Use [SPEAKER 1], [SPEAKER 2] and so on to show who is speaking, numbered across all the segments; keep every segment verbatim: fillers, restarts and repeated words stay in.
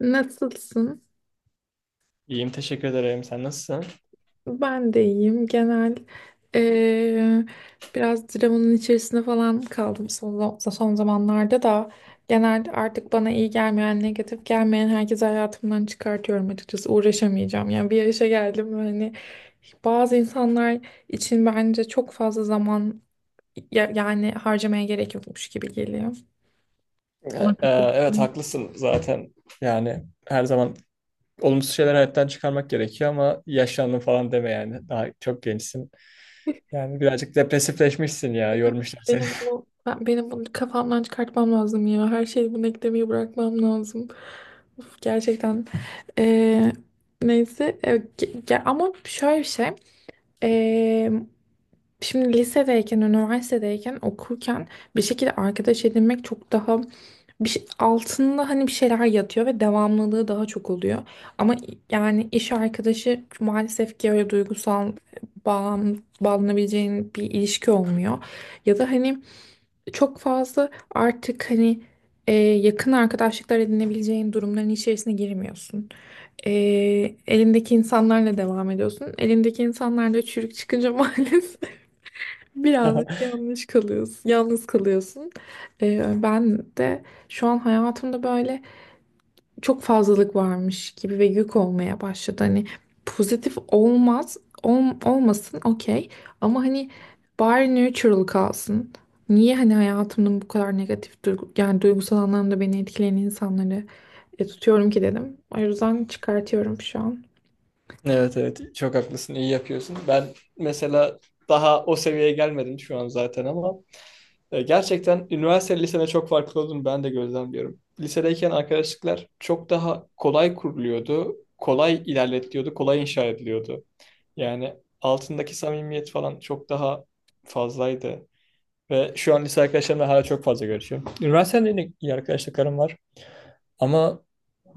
[SPEAKER 1] Nasılsın?
[SPEAKER 2] İyiyim, teşekkür ederim. Sen nasılsın?
[SPEAKER 1] Ben de iyiyim. Genel eee, biraz dramanın içerisinde falan kaldım son, son zamanlarda da genel artık bana iyi gelmeyen, negatif gelmeyen herkesi hayatımdan çıkartıyorum açıkçası. Uğraşamayacağım. Yani bir yaşa geldim ve hani bazı insanlar için bence çok fazla zaman ya- yani harcamaya gerek yokmuş gibi geliyor.
[SPEAKER 2] Ee,
[SPEAKER 1] Ona
[SPEAKER 2] e, evet,
[SPEAKER 1] katılıyorum.
[SPEAKER 2] haklısın zaten. Yani her zaman olumsuz şeyler hayattan çıkarmak gerekiyor ama yaşlandın falan deme yani. Daha çok gençsin. Yani birazcık depresifleşmişsin ya,
[SPEAKER 1] Benim,
[SPEAKER 2] yormuşlar seni.
[SPEAKER 1] benim bunu ben- benim bunu kafamdan çıkartmam lazım ya. Her şeyi bunu eklemeyi bırakmam lazım. Uf, gerçekten. Ee, neyse e, ge- ge- ama şöyle bir şey. Ee, şimdi lisedeyken, üniversitedeyken, okurken bir şekilde arkadaş edinmek çok daha bir şey- altında hani bir şeyler yatıyor ve devamlılığı daha çok oluyor. Ama yani iş arkadaşı maalesef ki öyle duygusal bağlan, bağlanabileceğin bir ilişki olmuyor. Ya da hani çok fazla artık hani e, yakın arkadaşlıklar edinebileceğin durumların içerisine girmiyorsun. E, elindeki insanlarla devam ediyorsun. Elindeki insanlarla çürük çıkınca maalesef birazcık yanlış kalıyorsun. Yalnız kalıyorsun. E, ben de şu an hayatımda böyle çok fazlalık varmış gibi ve yük olmaya başladı. Hani pozitif olmaz, ol- olmasın okey ama hani bari neutral kalsın. Niye hani hayatımın bu kadar negatif duygu, yani duygusal anlamda beni etkileyen insanları e, tutuyorum ki dedim. O yüzden çıkartıyorum şu an.
[SPEAKER 2] Evet, evet, çok haklısın, iyi yapıyorsun. Ben mesela daha o seviyeye gelmedim şu an zaten ama e, gerçekten üniversite lisede çok farklı olduğunu ben de gözlemliyorum. Lisedeyken arkadaşlıklar çok daha kolay kuruluyordu, kolay ilerletiliyordu, kolay inşa ediliyordu. Yani altındaki samimiyet falan çok daha fazlaydı. Ve şu an lise arkadaşlarımla hala çok fazla görüşüyorum. Üniversitede yine iyi arkadaşlıklarım var. Ama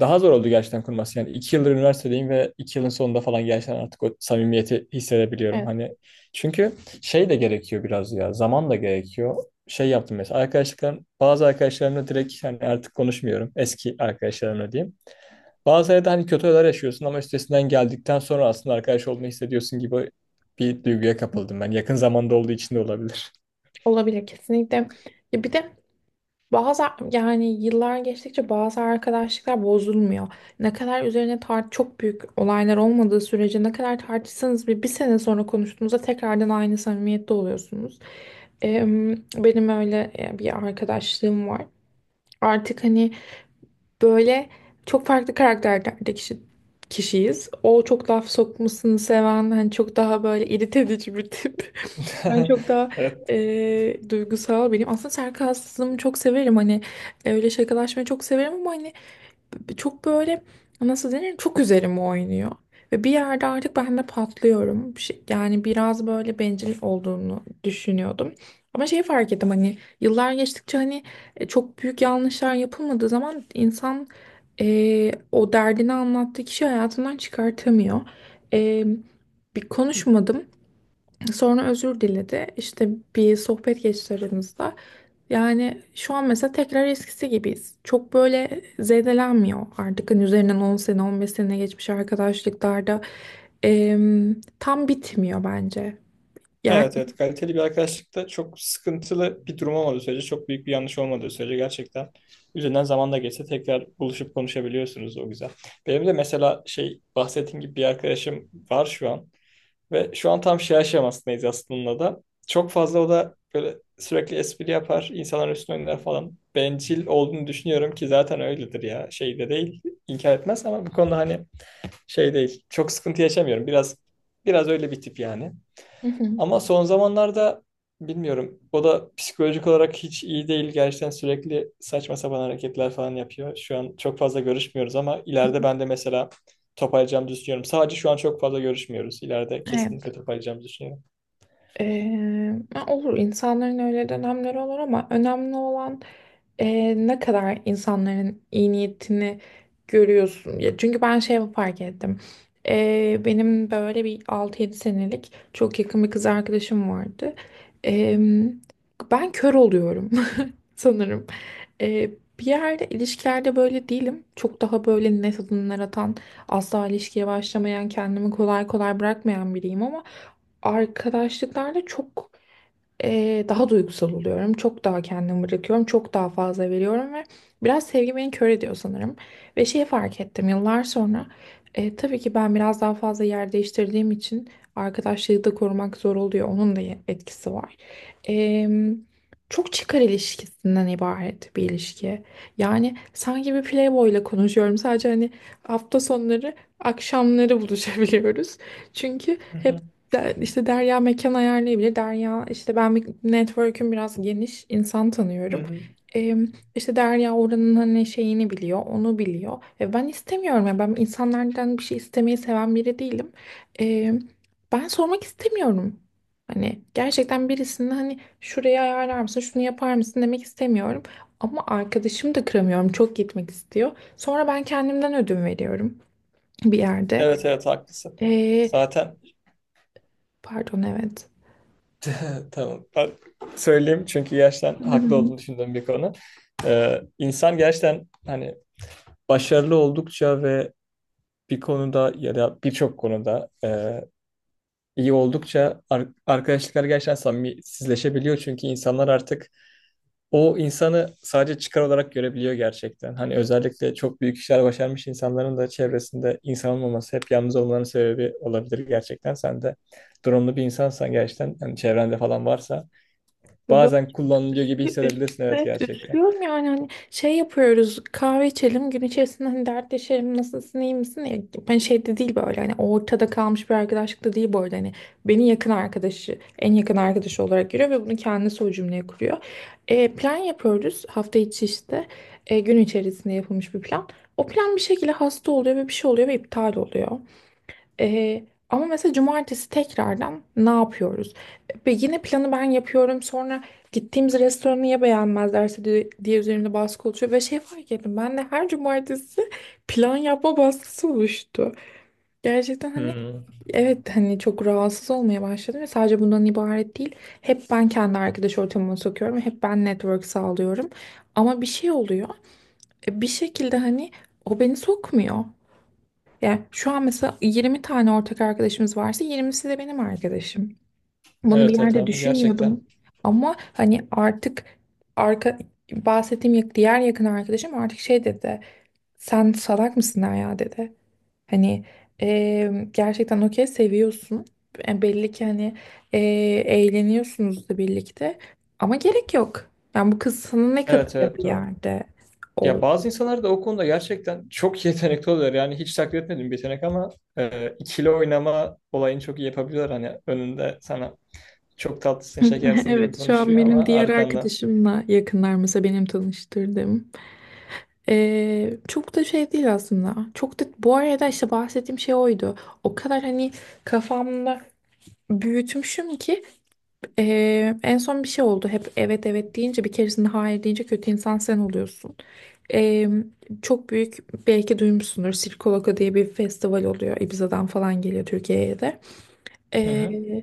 [SPEAKER 2] daha zor oldu gerçekten kurması. Yani iki yıldır üniversitedeyim ve iki yılın sonunda falan gerçekten artık o samimiyeti hissedebiliyorum.
[SPEAKER 1] Evet.
[SPEAKER 2] Hani çünkü şey de gerekiyor biraz ya. Zaman da gerekiyor. Şey yaptım mesela arkadaşlıklarım, bazı arkadaşlarımla direkt hani artık konuşmuyorum. Eski arkadaşlarımla diyeyim. Bazı yerde hani kötü olaylar yaşıyorsun ama üstesinden geldikten sonra aslında arkadaş olduğunu hissediyorsun gibi bir duyguya kapıldım ben. Yakın zamanda olduğu için de olabilir.
[SPEAKER 1] Olabilir kesinlikle. Ya bir de Bazı yani yıllar geçtikçe bazı arkadaşlıklar bozulmuyor. Ne kadar üzerine tart çok büyük olaylar olmadığı sürece ne kadar tartışsanız bir, bir sene sonra konuştuğunuzda tekrardan aynı samimiyette oluyorsunuz. Em, benim öyle e, bir arkadaşlığım var. Artık hani böyle çok farklı karakterlerde kişi, kişiyiz. O çok laf sokmasını seven hani çok daha böyle irite edici bir tip. Ben çok daha
[SPEAKER 2] Evet,
[SPEAKER 1] eee, duygusal biriyim. Aslında sarkazmı çok severim. Hani e, öyle şakalaşmayı çok severim ama hani çok böyle nasıl denir çok üzerime oynuyor. Ve bir yerde artık ben de patlıyorum. Bir şey- Yani biraz böyle bencil olduğunu düşünüyordum. Ama şeyi fark ettim hani yıllar geçtikçe hani e, çok büyük yanlışlar yapılmadığı zaman insan e, o derdini anlattığı kişi hayatından çıkartamıyor. E, bir konuşmadım. Sonra özür diledi. İşte bir sohbet geçti aramızda. Yani şu an mesela tekrar eskisi gibiyiz. Çok böyle zedelenmiyor artık. Hani üzerinden on sene, on beş sene geçmiş arkadaşlıklarda em, tam bitmiyor bence. Yani.
[SPEAKER 2] evet, evet. Kaliteli bir arkadaşlıkta çok sıkıntılı bir durum olmadığı sürece, çok büyük bir yanlış olmadığı sürece gerçekten üzerinden zaman da geçse tekrar buluşup konuşabiliyorsunuz o güzel. Benim de mesela şey bahsettiğim gibi bir arkadaşım var şu an. Ve şu an tam şey aşamasındayız aslında da. Çok fazla o da böyle sürekli espri yapar, insanların üstüne oynar falan. Bencil olduğunu düşünüyorum ki zaten öyledir ya. Şey de değil, inkar etmez ama bu konuda hani şey değil. Çok sıkıntı yaşamıyorum. Biraz biraz öyle bir tip yani.
[SPEAKER 1] Hı hı.
[SPEAKER 2] Ama son zamanlarda bilmiyorum. O da psikolojik olarak hiç iyi değil. Gerçekten sürekli saçma sapan hareketler falan yapıyor. Şu an çok fazla görüşmüyoruz ama ileride ben de mesela toparlayacağımı düşünüyorum. Sadece şu an çok fazla görüşmüyoruz. İleride
[SPEAKER 1] Evet.
[SPEAKER 2] kesinlikle toparlayacağımı düşünüyorum.
[SPEAKER 1] Eee, olur insanların öyle dönemleri olur ama önemli olan eee, ne kadar insanların iyi niyetini görüyorsun. Ya çünkü ben şey fark ettim. Eee, benim böyle bir altı yedi senelik çok yakın bir kız arkadaşım vardı. Eee, ben kör oluyorum sanırım. Eee, bir yerde ilişkilerde böyle değilim. Çok daha böyle net adımlar atan, asla ilişkiye başlamayan, kendimi kolay kolay bırakmayan biriyim ama arkadaşlıklarda çok eee, daha duygusal oluyorum. Çok daha kendimi bırakıyorum. Çok daha fazla veriyorum ve biraz sevgi beni kör ediyor sanırım. Ve şeyi fark ettim yıllar sonra. e, tabii ki ben biraz daha fazla yer değiştirdiğim için arkadaşlığı da korumak zor oluyor. Onun da etkisi var. Em, çok çıkar ilişkisinden ibaret bir ilişki. Yani sanki bir playboy ile konuşuyorum. Sadece hani hafta sonları akşamları buluşabiliyoruz. Çünkü
[SPEAKER 2] Hı
[SPEAKER 1] hep
[SPEAKER 2] hı.
[SPEAKER 1] de, işte Derya mekan ayarlayabilir. Derya işte ben bir- network'üm biraz geniş insan
[SPEAKER 2] Hı
[SPEAKER 1] tanıyorum.
[SPEAKER 2] hı.
[SPEAKER 1] Ee, işte Derya oranın hani şeyini biliyor, onu biliyor. E, ben istemiyorum ya ben insanlardan bir şey istemeyi seven biri değilim. Ee, ben sormak istemiyorum. Hani gerçekten birisinin hani şurayı ayarlar mısın, şunu yapar mısın demek istemiyorum. Ama arkadaşım da kıramıyorum, çok gitmek istiyor. Sonra ben kendimden ödün veriyorum bir yerde.
[SPEAKER 2] Evet, evet, haklısın.
[SPEAKER 1] Ee,
[SPEAKER 2] Zaten
[SPEAKER 1] pardon evet.
[SPEAKER 2] tamam. Ben söyleyeyim çünkü gerçekten haklı olduğunu düşündüğüm bir konu. Ee, insan gerçekten hani başarılı oldukça ve bir konuda ya da birçok konuda e, iyi oldukça ar- arkadaşlıklar gerçekten samimisizleşebiliyor. Çünkü insanlar artık o insanı sadece çıkar olarak görebiliyor gerçekten. Hani özellikle çok büyük işler başarmış insanların da çevresinde insan olmaması hep yalnız olmaların sebebi olabilir gerçekten. Sen de durumlu bir insansan gerçekten hani çevrende falan varsa
[SPEAKER 1] Böyle
[SPEAKER 2] bazen kullanılıyor gibi
[SPEAKER 1] Üz-
[SPEAKER 2] hissedebilirsin, evet
[SPEAKER 1] Evet,
[SPEAKER 2] gerçekten.
[SPEAKER 1] üzülüyorum yani hani şey yapıyoruz, kahve içelim gün içerisinde hani dertleşelim, nasılsın iyi misin ya, ben şeyde değil, böyle hani ortada kalmış bir arkadaşlık da değil bu arada, hani beni yakın arkadaşı en yakın arkadaşı olarak görüyor ve bunu kendisi o cümleye kuruyor. E, plan yapıyoruz hafta içi, işte e, gün içerisinde yapılmış bir plan, o plan bir şekilde hasta oluyor ve bir şey oluyor ve iptal oluyor, ee, ama mesela cumartesi tekrardan ne yapıyoruz? Ve yine planı ben yapıyorum. Sonra gittiğimiz restoranı ya beğenmezlerse diye, diye üzerimde baskı oluşuyor. Ve şey fark ettim. Ben de her cumartesi plan yapma baskısı oluştu. Gerçekten hani
[SPEAKER 2] Hmm.
[SPEAKER 1] evet, hani çok rahatsız olmaya başladım. Ve sadece bundan ibaret değil. Hep ben kendi arkadaş ortamıma sokuyorum. Hep ben network sağlıyorum. Ama bir şey oluyor. E, Bir şekilde hani o beni sokmuyor. Yani şu an mesela yirmi tane ortak arkadaşımız varsa yirmisi de benim arkadaşım. Bunu bir
[SPEAKER 2] Evet, evet,
[SPEAKER 1] yerde
[SPEAKER 2] tamam gerçekten.
[SPEAKER 1] düşünmüyordum ama hani artık arka bahsettiğim yak- diğer yakın arkadaşım artık şey dedi. Sen salak mısın ya dedi. Hani eee, gerçekten okey, seviyorsun. E, belli ki hani eee, eğleniyorsunuz da birlikte. Ama gerek yok. Yani bu kız sana ne
[SPEAKER 2] Evet,
[SPEAKER 1] katıyor
[SPEAKER 2] evet,
[SPEAKER 1] bir
[SPEAKER 2] doğru.
[SPEAKER 1] yerde?
[SPEAKER 2] Ya bazı insanlar da o konuda gerçekten çok yetenekli oluyor. Yani hiç takdir etmediğim bir yetenek ama e, ikili oynama olayını çok iyi yapabiliyorlar. Hani önünde sana çok tatlısın
[SPEAKER 1] Hı,
[SPEAKER 2] şekersin gibi
[SPEAKER 1] evet, şu an
[SPEAKER 2] konuşuyor
[SPEAKER 1] benim
[SPEAKER 2] ama
[SPEAKER 1] diğer
[SPEAKER 2] arkanda.
[SPEAKER 1] arkadaşımla yakınlar mesela benim tanıştırdığım. Ee, çok da şey değil aslında. Çok da bu arada işte bahsettiğim şey oydu. O kadar hani kafamda büyütmüşüm ki ee, en son bir şey oldu. Hep evet evet deyince bir keresinde hayır deyince kötü insan sen oluyorsun. Ee, çok büyük, belki duymuşsundur Sirkoloko diye bir festival oluyor. Ibiza'dan falan geliyor, Türkiye'ye de.
[SPEAKER 2] Hı hı.
[SPEAKER 1] Ee,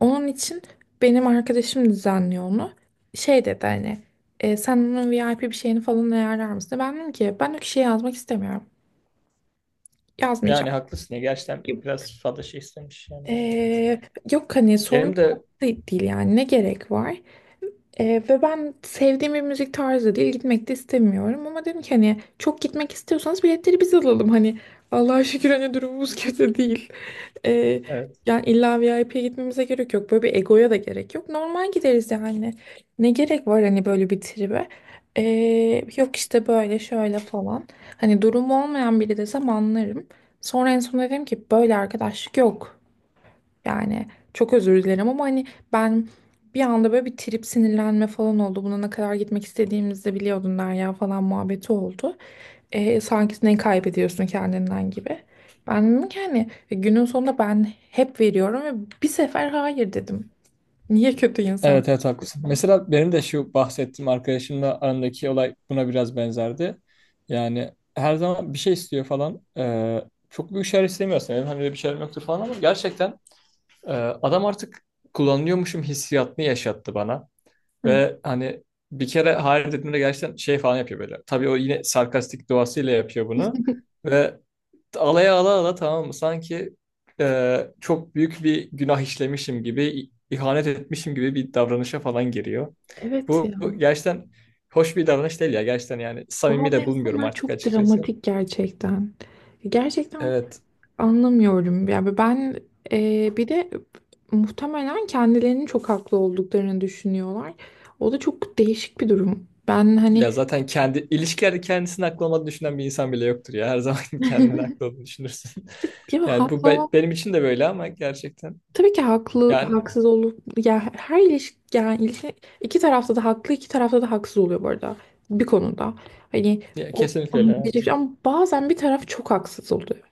[SPEAKER 1] onun için benim arkadaşım düzenliyor onu. Şey dedi hani e, sen onun V I P bir şeyini falan ayarlar mısın? Ben dedim ki ben o kişiye yazmak istemiyorum.
[SPEAKER 2] Yani
[SPEAKER 1] Yazmayacağım.
[SPEAKER 2] haklısın ya gerçekten biraz fazla şey istemiş yani.
[SPEAKER 1] Ee, yok hani sorun
[SPEAKER 2] Benim de
[SPEAKER 1] değil, değil, yani ne gerek var? Ee, ve ben sevdiğim bir müzik tarzı değil, gitmek de istemiyorum, ama dedim ki hani çok gitmek istiyorsanız biletleri biz alalım, hani Allah'a şükür hani durumumuz kötü değil. Ee,
[SPEAKER 2] evet.
[SPEAKER 1] yani illa V I P'ye gitmemize gerek yok, böyle bir egoya da gerek yok, normal gideriz yani, ne gerek var hani böyle bir tribe. Ee, yok işte böyle şöyle falan, hani durumu olmayan biri desem anlarım, sonra en son dedim ki böyle arkadaşlık yok. Yani çok özür dilerim ama hani ben bir anda böyle bir trip sinirlenme falan oldu. Buna ne kadar gitmek istediğimizi de biliyordun Derya falan muhabbeti oldu. E, sanki ne kaybediyorsun kendinden gibi. Ben dedim ki hani e, günün sonunda ben hep veriyorum ve bir sefer hayır dedim. Niye kötü insan?
[SPEAKER 2] Evet, evet, haklısın. Mesela benim de şu bahsettiğim arkadaşımla arandaki olay buna biraz benzerdi. Yani her zaman bir şey istiyor falan. Ee, çok büyük şeyler istemiyorsun. Benim hani öyle bir şeylerim yoktur falan ama gerçekten e, adam artık kullanıyormuşum hissiyatını yaşattı bana.
[SPEAKER 1] Evet,
[SPEAKER 2] Ve hani bir kere hayır dediğimde gerçekten şey falan yapıyor böyle. Tabii o yine sarkastik doğasıyla yapıyor bunu. Ve alaya ala ala tamam mı? Sanki e, çok büyük bir günah işlemişim gibi, i- ihanet etmişim gibi bir davranışa falan giriyor.
[SPEAKER 1] evet,
[SPEAKER 2] Bu
[SPEAKER 1] ya.
[SPEAKER 2] bu gerçekten hoş bir davranış değil ya. Gerçekten yani samimi
[SPEAKER 1] Bazı
[SPEAKER 2] de bulmuyorum
[SPEAKER 1] insanlar
[SPEAKER 2] artık
[SPEAKER 1] çok
[SPEAKER 2] açıkçası.
[SPEAKER 1] dramatik gerçekten. Gerçekten
[SPEAKER 2] Evet.
[SPEAKER 1] anlamıyorum. Yani ben e, bir de muhtemelen kendilerinin çok haklı olduklarını düşünüyorlar. O da çok değişik bir durum. Ben hani
[SPEAKER 2] Ya zaten kendi ilişkilerde kendisini haklı olmadığını düşünen bir insan bile yoktur ya. Her zaman kendini haklı olduğunu düşünürsün.
[SPEAKER 1] ya
[SPEAKER 2] Yani bu
[SPEAKER 1] haklı
[SPEAKER 2] be-
[SPEAKER 1] olan,
[SPEAKER 2] benim için de böyle ama gerçekten
[SPEAKER 1] tabii ki haklı
[SPEAKER 2] yani,
[SPEAKER 1] haksız olup, ya her ilişki, yani ilişki, iki tarafta da haklı iki tarafta da haksız oluyor bu arada, bir konuda. Hani
[SPEAKER 2] ya,
[SPEAKER 1] o,
[SPEAKER 2] kesinlikle
[SPEAKER 1] ama
[SPEAKER 2] öyle. Evet.
[SPEAKER 1] bazen bir taraf çok haksız oluyor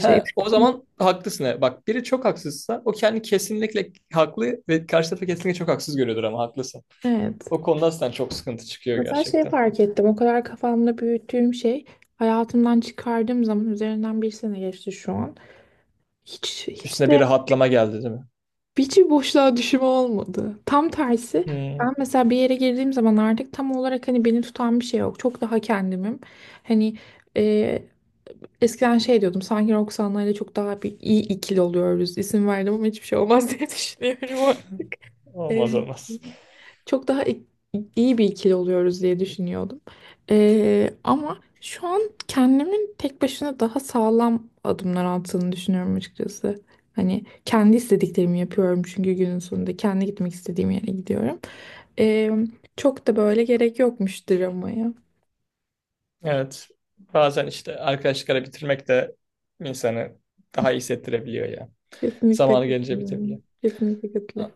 [SPEAKER 2] He, o zaman haklısın. Evet. Bak biri çok haksızsa o kendi kesinlikle haklı ve karşı tarafı kesinlikle çok haksız görüyordur ama haklısın.
[SPEAKER 1] Evet.
[SPEAKER 2] O konuda sen çok sıkıntı çıkıyor
[SPEAKER 1] Mesela şey
[SPEAKER 2] gerçekten.
[SPEAKER 1] fark ettim. O kadar kafamda büyüttüğüm şey hayatımdan çıkardığım zaman üzerinden bir sene geçti şu an. Hiç hiç
[SPEAKER 2] Üstüne
[SPEAKER 1] de
[SPEAKER 2] bir rahatlama geldi değil mi?
[SPEAKER 1] hiç bir boşluğa düşüm olmadı. Tam tersi
[SPEAKER 2] Hmm,
[SPEAKER 1] ben mesela bir yere girdiğim zaman artık tam olarak hani beni tutan bir şey yok. Çok daha kendimim. Hani e, eskiden şey diyordum sanki Roxanna ile çok daha bir iyi ikili oluyoruz. İsim verdim ama hiçbir şey olmaz diye düşünüyorum. E,
[SPEAKER 2] olmaz olmaz.
[SPEAKER 1] çok daha ik- iyi bir ikili oluyoruz diye düşünüyordum. Ee, ama şu an kendimin tek başına daha sağlam adımlar attığını düşünüyorum açıkçası. Hani kendi istediklerimi yapıyorum çünkü günün sonunda kendi gitmek istediğim yere gidiyorum. Ee, çok da böyle gerek yokmuş dramaya.
[SPEAKER 2] Evet. Bazen işte arkadaşlıkları bitirmek de insanı daha iyi hissettirebiliyor ya.
[SPEAKER 1] Kesinlikle
[SPEAKER 2] Zamanı gelince bitebiliyor.
[SPEAKER 1] katılıyorum. Kesinlikle katılıyorum.